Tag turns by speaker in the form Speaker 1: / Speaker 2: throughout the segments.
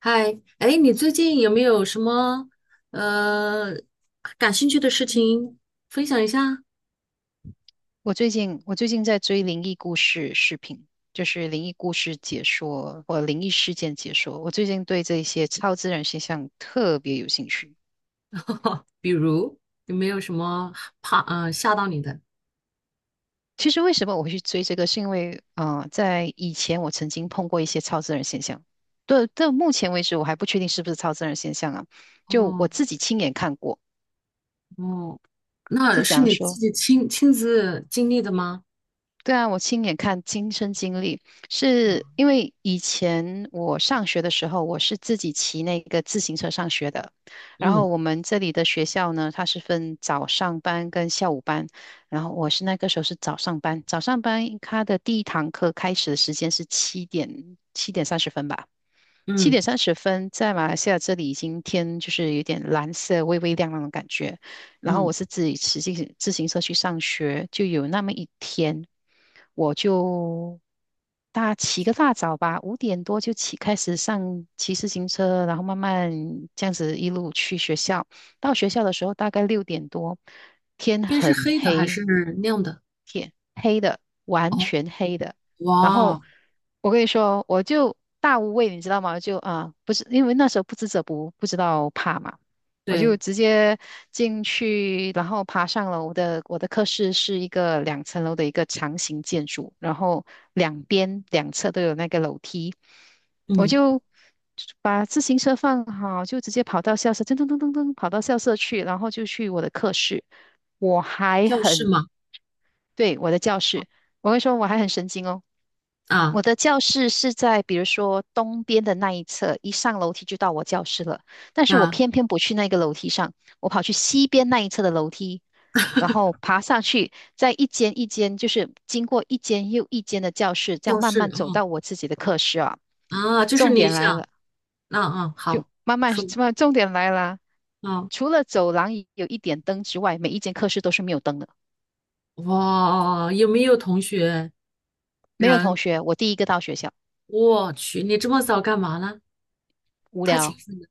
Speaker 1: 嗨，哎，你最近有没有什么呃感兴趣的事情分享一下？
Speaker 2: 我最近在追灵异故事视频，就是灵异故事解说或灵异事件解说。我最近对这些超自然现象特别有兴趣。
Speaker 1: 比如有没有什么怕吓到你的？
Speaker 2: 其实为什么我会去追这个，是因为在以前我曾经碰过一些超自然现象。对，到目前为止我还不确定是不是超自然现象啊，就我
Speaker 1: 哦
Speaker 2: 自己亲眼看过，
Speaker 1: 哦，那
Speaker 2: 是怎
Speaker 1: 是
Speaker 2: 样
Speaker 1: 你自
Speaker 2: 说？
Speaker 1: 己亲自经历的吗？
Speaker 2: 对啊，我亲眼看，亲身经历，
Speaker 1: 啊，
Speaker 2: 是因为以前我上学的时候，我是自己骑那个自行车上学的。然
Speaker 1: 嗯
Speaker 2: 后我们这里的学校呢，它是分早上班跟下午班。然后我是那个时候是早上班，早上班它的第一堂课开始的时间是七点三十分吧。七
Speaker 1: 嗯
Speaker 2: 点三十分，在马来西亚这里已经天就是有点蓝色，微微亮亮的感觉。然后我
Speaker 1: 嗯，
Speaker 2: 是自己骑自行车去上学，就有那么一天，我就大起个大早吧，五点多就开始骑自行车，然后慢慢这样子一路去学校。到学校的时候大概六点多，天
Speaker 1: 天是
Speaker 2: 很
Speaker 1: 黑的还
Speaker 2: 黑，
Speaker 1: 是亮的？
Speaker 2: 黑的，完
Speaker 1: 哦
Speaker 2: 全黑的。然后
Speaker 1: 哇，
Speaker 2: 我跟你说，我就大无畏，你知道吗？就不是因为那时候不知者不知道怕嘛，我就
Speaker 1: 对，
Speaker 2: 直接进去，然后爬上楼的。我的课室是一个两层楼的一个长形建筑，然后两侧都有那个楼梯，我
Speaker 1: 嗯，
Speaker 2: 就。把自行车放好，就直接跑到校舍，噔噔噔噔噔，跑到校舍去，然后就去我的课室。我还
Speaker 1: 教室
Speaker 2: 很
Speaker 1: 嘛，
Speaker 2: 对，我的教室，我会说我还很神经哦。
Speaker 1: 啊
Speaker 2: 我的教室是在比如说东边的那一侧，一上楼梯就到我教室了。但是我
Speaker 1: 啊，
Speaker 2: 偏偏不去那个楼梯上，我跑去西边那一侧的楼梯，然后爬上去，在一间一间，就是经过一间又一间的教室，这样
Speaker 1: 教
Speaker 2: 慢
Speaker 1: 室
Speaker 2: 慢走到我自己的课室啊。
Speaker 1: 啊啊，就是
Speaker 2: 重
Speaker 1: 你
Speaker 2: 点
Speaker 1: 想，
Speaker 2: 来了，
Speaker 1: 啊嗯，好
Speaker 2: 慢慢
Speaker 1: 说。
Speaker 2: 什么？重点来了，
Speaker 1: 啊
Speaker 2: 除了走廊有一点灯之外，每一间课室都是没有灯的，
Speaker 1: 哇，有没有同学
Speaker 2: 没有同
Speaker 1: 人？
Speaker 2: 学，我第一个到学校，
Speaker 1: 我去，你这么早干嘛呢？
Speaker 2: 无
Speaker 1: 太勤
Speaker 2: 聊。
Speaker 1: 奋了。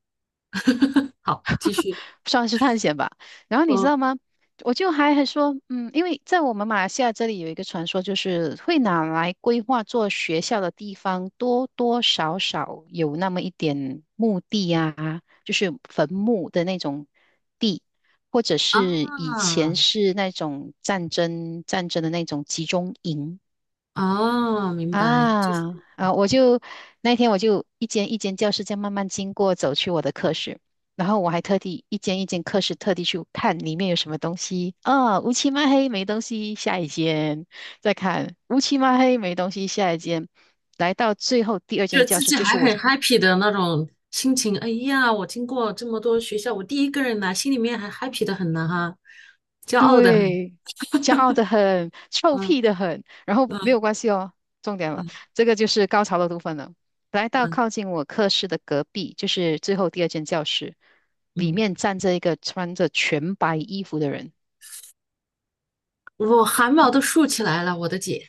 Speaker 1: 好，继续。
Speaker 2: 算是探险吧。然后你知
Speaker 1: 嗯
Speaker 2: 道吗？我就还说，因为在我们马来西亚这里有一个传说，就是会拿来规划做学校的地方，多多少少有那么一点墓地啊，就是坟墓的那种地，或者
Speaker 1: 啊，
Speaker 2: 是以前是那种战争的那种集中营。
Speaker 1: 啊，明白，就是
Speaker 2: 啊啊！那天我就一间一间教室这样慢慢经过，走去我的课室，然后我还特地一间一间课室特地去看里面有什么东西。啊，乌漆嘛黑没东西，下一间再看乌漆嘛黑没东西，下一间。来到最后第二
Speaker 1: 觉得
Speaker 2: 间教
Speaker 1: 自
Speaker 2: 室，
Speaker 1: 己
Speaker 2: 就是
Speaker 1: 还
Speaker 2: 我
Speaker 1: 很 happy 的那种心情。哎呀，我经过这么多学校，我第一个人来，心里面还 happy 的很呢哈，骄傲的很。
Speaker 2: 对，骄傲的很，臭
Speaker 1: 嗯
Speaker 2: 屁的很，然后没
Speaker 1: 嗯
Speaker 2: 有关系哦。重点了，
Speaker 1: 嗯
Speaker 2: 这个就是高潮的部分了。来到
Speaker 1: 嗯
Speaker 2: 靠近我课室的隔壁，就是最后第二间教室，里
Speaker 1: 嗯，
Speaker 2: 面站着一个穿着全白衣服的人。
Speaker 1: 我汗毛都竖起来了，我的姐。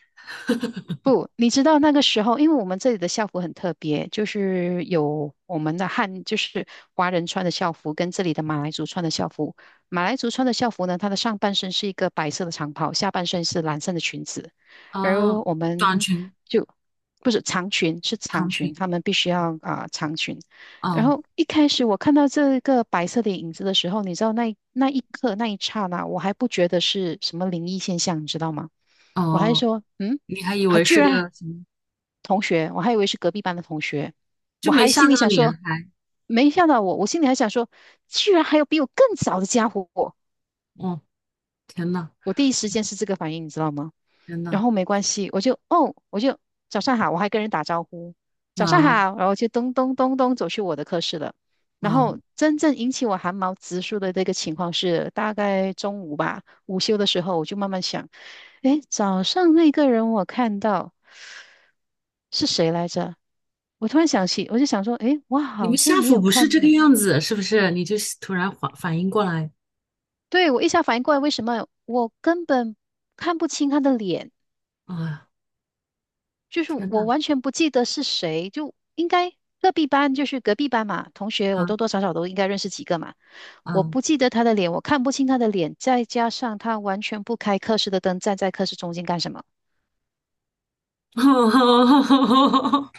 Speaker 2: 不，你知道那个时候，因为我们这里的校服很特别，就是有我们的汉，就是华人穿的校服，跟这里的马来族穿的校服。马来族穿的校服呢，它的上半身是一个白色的长袍，下半身是蓝色的裙子，而
Speaker 1: 哦，
Speaker 2: 我
Speaker 1: 短
Speaker 2: 们
Speaker 1: 裙、
Speaker 2: 就不是长裙，是长
Speaker 1: 长裙。
Speaker 2: 裙，他们必须要长裙。然
Speaker 1: 哦
Speaker 2: 后一开始我看到这个白色的影子的时候，你知道那一刻那一刹那，我还不觉得是什么灵异现象，你知道吗？我还
Speaker 1: 哦，
Speaker 2: 说，
Speaker 1: 你还以
Speaker 2: 还
Speaker 1: 为
Speaker 2: 居
Speaker 1: 是
Speaker 2: 然
Speaker 1: 个什么？
Speaker 2: 同学，我还以为是隔壁班的同学，
Speaker 1: 就
Speaker 2: 我
Speaker 1: 没
Speaker 2: 还
Speaker 1: 吓
Speaker 2: 心里
Speaker 1: 到
Speaker 2: 想
Speaker 1: 你
Speaker 2: 说，
Speaker 1: 啊，还，
Speaker 2: 没吓到我，我心里还想说，居然还有比我更早的家伙，
Speaker 1: 哦天呐，
Speaker 2: 我第一时间是这个反应，你知道吗？
Speaker 1: 天呐，
Speaker 2: 然后没关系，我就早上好，我还跟人打招呼，早上好，
Speaker 1: 啊
Speaker 2: 然后就咚咚咚咚走去我的课室了。然
Speaker 1: 啊！
Speaker 2: 后真正引起我汗毛直竖的这个情况是，大概中午吧，午休的时候，我就慢慢想，诶，早上那个人我看到。是谁来着？我突然想起，我就想说，诶，我
Speaker 1: 你们
Speaker 2: 好
Speaker 1: 吓
Speaker 2: 像没
Speaker 1: 唬
Speaker 2: 有
Speaker 1: 不是这
Speaker 2: 看
Speaker 1: 个
Speaker 2: 呢。
Speaker 1: 样子，是不是？你就是突然反应过来，
Speaker 2: 对，我一下反应过来，为什么我根本看不清他的脸？
Speaker 1: 啊，
Speaker 2: 就是
Speaker 1: 天
Speaker 2: 我
Speaker 1: 呐，
Speaker 2: 完全不记得是谁，就应该隔壁班，就是隔壁班嘛，同学我
Speaker 1: 啊
Speaker 2: 多多少少都应该认识几个嘛。我
Speaker 1: 啊！
Speaker 2: 不记得他的脸，我看不清他的脸，再加上他完全不开课室的灯，站在课室中间干什么？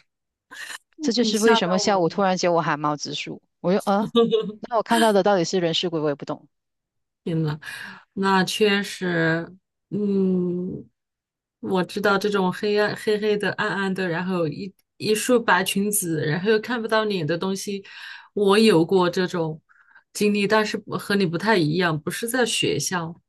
Speaker 2: 这就
Speaker 1: 你
Speaker 2: 是为
Speaker 1: 吓
Speaker 2: 什
Speaker 1: 到
Speaker 2: 么
Speaker 1: 我
Speaker 2: 下午突
Speaker 1: 了。
Speaker 2: 然间我汗毛直竖。那我看到的到底是人是鬼，我也不懂。
Speaker 1: 那确实，嗯，我知道这种黑暗、黑黑的、暗暗的，然后一束白裙子，然后又看不到脸的东西，我有过这种经历，但是不和你不太一样，不是在学校。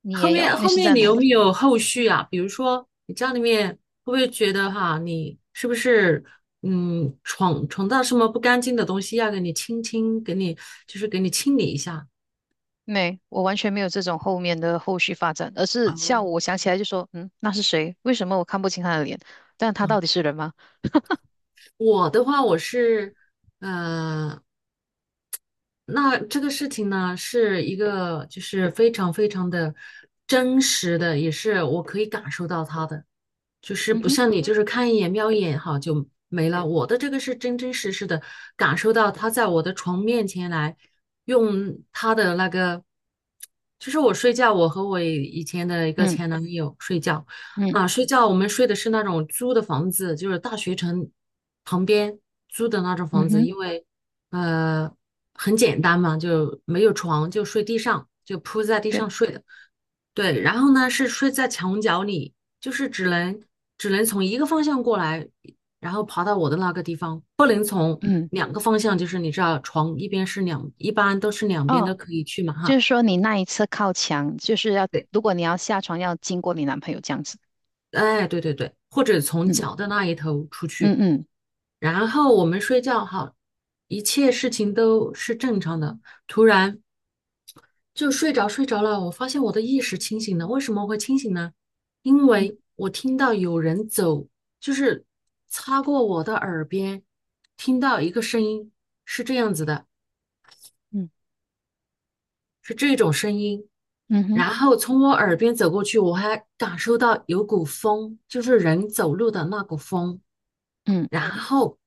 Speaker 2: 你
Speaker 1: 后
Speaker 2: 也有，
Speaker 1: 面
Speaker 2: 你
Speaker 1: 后
Speaker 2: 是
Speaker 1: 面
Speaker 2: 在
Speaker 1: 你
Speaker 2: 哪
Speaker 1: 有没
Speaker 2: 里？
Speaker 1: 有后续啊？比如说你家里面会不会觉得哈，你是不是闯到什么不干净的东西，要给你清清，给你就是给你清理一下？
Speaker 2: 没，我完全没有这种后面的后续发展，而是下午我想起来就说，那是谁？为什么我看不清他的脸？但他到底是人吗？
Speaker 1: 我的话，我是，呃，那这个事情呢，是一个就是非常非常的真实的，也是我可以感受到它的。就是
Speaker 2: 嗯
Speaker 1: 不
Speaker 2: 哼，
Speaker 1: 像你，就是看一眼瞄一眼哈就没了。我的这个是真真实实的感受到他在我的床面前来用他的那个，就是我睡觉，我和我以前的一个
Speaker 2: 嗯
Speaker 1: 前男友睡觉
Speaker 2: 嗯
Speaker 1: 啊，睡觉我们睡的是那种租的房子，就是大学城旁边租的那种房
Speaker 2: 嗯
Speaker 1: 子，
Speaker 2: 哼，
Speaker 1: 因为呃很简单嘛，就没有床，就睡地上，就铺在地上
Speaker 2: 对，
Speaker 1: 睡的。对，然后呢是睡在墙角里。就是只能从一个方向过来，然后爬到我的那个地方，不能从
Speaker 2: 嗯，
Speaker 1: 两个方向，就是你知道床一边是两，一般都是两边
Speaker 2: 哦，
Speaker 1: 都可以去嘛
Speaker 2: 就
Speaker 1: 哈。
Speaker 2: 是说你那一次靠墙，就是要
Speaker 1: 对，
Speaker 2: 如果你要下床要经过你男朋友这样子，
Speaker 1: 哎，对对对，或者从
Speaker 2: 嗯
Speaker 1: 脚的那一头出
Speaker 2: 嗯
Speaker 1: 去，
Speaker 2: 嗯
Speaker 1: 然后我们睡觉好，一切事情都是正常的。突然就睡着睡着了，我发现我的意识清醒了。为什么会清醒呢？因为我听到有人走，就是擦过我的耳边，听到一个声音是这样子的，
Speaker 2: 嗯
Speaker 1: 是这种声音，
Speaker 2: 嗯哼
Speaker 1: 然后从我耳边走过去，我还感受到有股风，就是人走路的那股风。
Speaker 2: 嗯
Speaker 1: 然后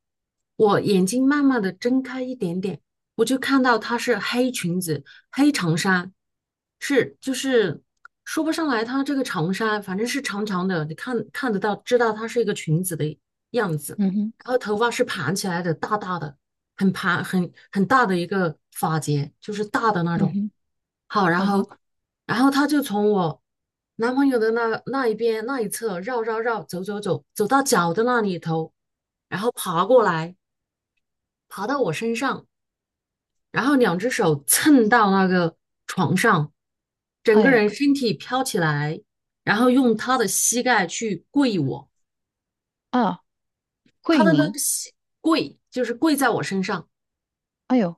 Speaker 1: 我眼睛慢慢的睁开一点点，我就看到她是黑裙子、黑长衫，是就是说不上来她这个长衫，反正是长长的，你看看得到，知道她是一个裙子的样子。
Speaker 2: 嗯哼
Speaker 1: 然后头发是盘起来的，大大的，很盘很大的一个发结，就是大的那
Speaker 2: 嗯
Speaker 1: 种。
Speaker 2: 哼
Speaker 1: 好，然
Speaker 2: 嗯哼，
Speaker 1: 后然后她就从我。男朋友的那一边那一侧绕绕绕走走走，走到脚的那里头，然后爬过来，爬到我身上，然后两只手蹭到那个床上，整个
Speaker 2: 哎
Speaker 1: 人身体飘起来，然后用他的膝盖去跪我，
Speaker 2: 啊，
Speaker 1: 他
Speaker 2: 惠
Speaker 1: 的那
Speaker 2: 妮，
Speaker 1: 个跪就是跪在我身上。
Speaker 2: 哎呦，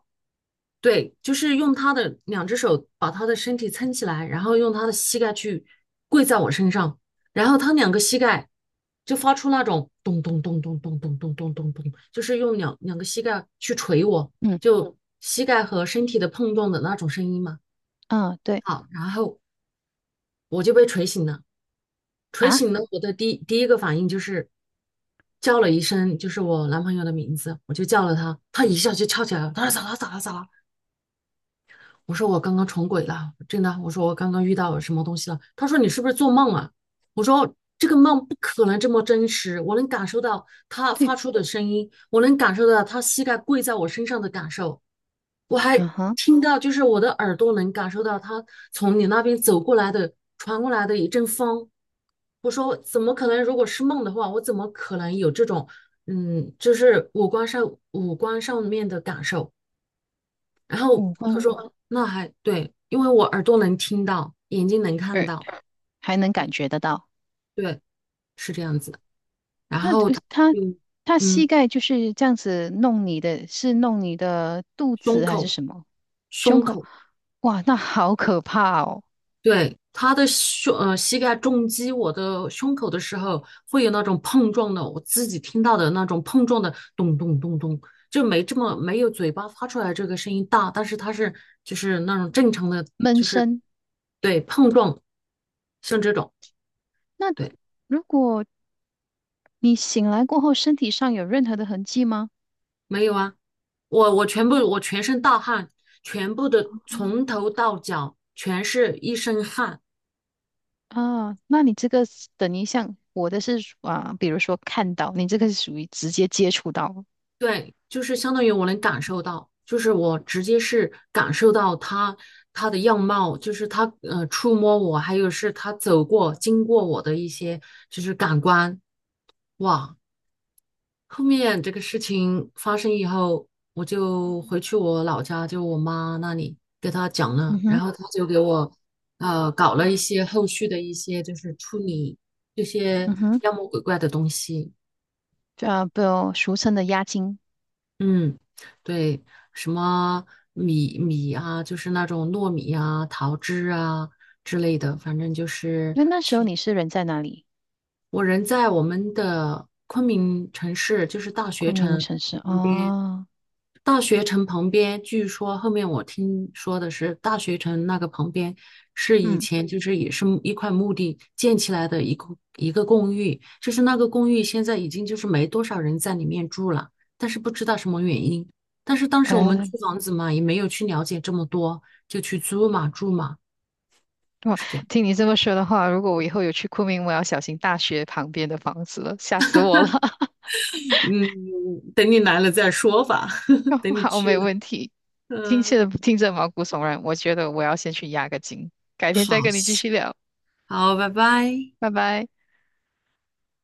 Speaker 1: 对，就是用他的两只手把他的身体撑起来，然后用他的膝盖去跪在我身上，然后他两个膝盖就发出那种咚咚咚咚咚咚咚咚咚咚，就是用两个膝盖去捶我，
Speaker 2: 嗯
Speaker 1: 就膝盖和身体的碰撞的那种声音嘛。
Speaker 2: 啊对
Speaker 1: 好，然后我就被捶醒了，捶
Speaker 2: 啊
Speaker 1: 醒了，我的第一个反应就是叫了一声，就是我男朋友的名字，我就叫了他，他一下就跳起来了，他说咋了咋了咋了，我说我刚刚重鬼了，真的。我说我刚刚遇到什么东西了。他说你是不是做梦啊？我说这个梦不可能这么真实，我能感受到他
Speaker 2: 对，
Speaker 1: 发出的声音，我能感受到他膝盖跪在我身上的感受，我
Speaker 2: 嗯
Speaker 1: 还
Speaker 2: 哼，
Speaker 1: 听到就是我的耳朵能感受到他从你那边走过来的传过来的一阵风。我说怎么可能？如果是梦的话，我怎么可能有这种就是五官上面的感受？然后
Speaker 2: 五
Speaker 1: 他
Speaker 2: 官，
Speaker 1: 说那还对，因为我耳朵能听到，眼睛能看
Speaker 2: 呃，
Speaker 1: 到，
Speaker 2: 还能感觉得到。
Speaker 1: 对，是这样子然
Speaker 2: 那
Speaker 1: 后
Speaker 2: 就
Speaker 1: 他
Speaker 2: 他
Speaker 1: 就
Speaker 2: 他膝
Speaker 1: 嗯，
Speaker 2: 盖就是这样子弄你的，是弄你的肚
Speaker 1: 胸
Speaker 2: 子还是
Speaker 1: 口
Speaker 2: 什么？胸
Speaker 1: 胸
Speaker 2: 口？
Speaker 1: 口，
Speaker 2: 哇，那好可怕哦！
Speaker 1: 对，他的膝盖重击我的胸口的时候，会有那种碰撞的，我自己听到的那种碰撞的咚咚咚咚。就没这么没有嘴巴发出来这个声音大，但是它是就是那种正常的，
Speaker 2: 闷
Speaker 1: 就是
Speaker 2: 声。
Speaker 1: 对碰撞，像这种。
Speaker 2: 那
Speaker 1: 对。
Speaker 2: 如果你醒来过后身体上有任何的痕迹吗？
Speaker 1: 没有啊，我全身大汗，全部的从头到脚全是一身汗。
Speaker 2: 啊，那你这个是等于像我的是属啊，比如说看到，你这个是属于直接接触到。
Speaker 1: 对，就是相当于我能感受到，就是我直接是感受到他的样貌，就是他触摸我，还有是他走过经过我的一些就是感官，哇，后面这个事情发生以后，我就回去我老家，就我妈那里给她讲
Speaker 2: 嗯
Speaker 1: 了，然
Speaker 2: 哼，
Speaker 1: 后她就给我搞了一些后续的一些就是处理这些
Speaker 2: 嗯哼，
Speaker 1: 妖魔鬼怪的东西。
Speaker 2: 不，俗称的押金。
Speaker 1: 嗯，对，什么米米啊，就是那种糯米啊、桃汁啊之类的，反正就是
Speaker 2: 那时候你是人在哪里？
Speaker 1: 我人在我们的昆明城市，就是大学
Speaker 2: 昆明
Speaker 1: 城。
Speaker 2: 城市
Speaker 1: 旁边。
Speaker 2: 哦，
Speaker 1: 大学城旁边，据说后面我听说的是，大学城那个旁边是以
Speaker 2: 嗯，
Speaker 1: 前就是也是一块墓地建起来的一个公寓，就是那个公寓现在已经就是没多少人在里面住了，但是不知道什么原因。但是当时我们
Speaker 2: 哎。
Speaker 1: 租房子嘛，也没有去了解这么多，就去租嘛住嘛，
Speaker 2: 哇，
Speaker 1: 是这样。
Speaker 2: 听你这么说的话，如果我以后有去昆明，我要小心大学旁边的房子了，吓死我了。
Speaker 1: 嗯，等你来了再说吧，等 你
Speaker 2: 好，
Speaker 1: 去
Speaker 2: 没
Speaker 1: 了。
Speaker 2: 问题。听起
Speaker 1: 嗯，
Speaker 2: 来听着毛骨悚然，我觉得我要先去压个惊，改天再
Speaker 1: 好，
Speaker 2: 跟你继续聊，
Speaker 1: 好，拜拜。
Speaker 2: 拜拜。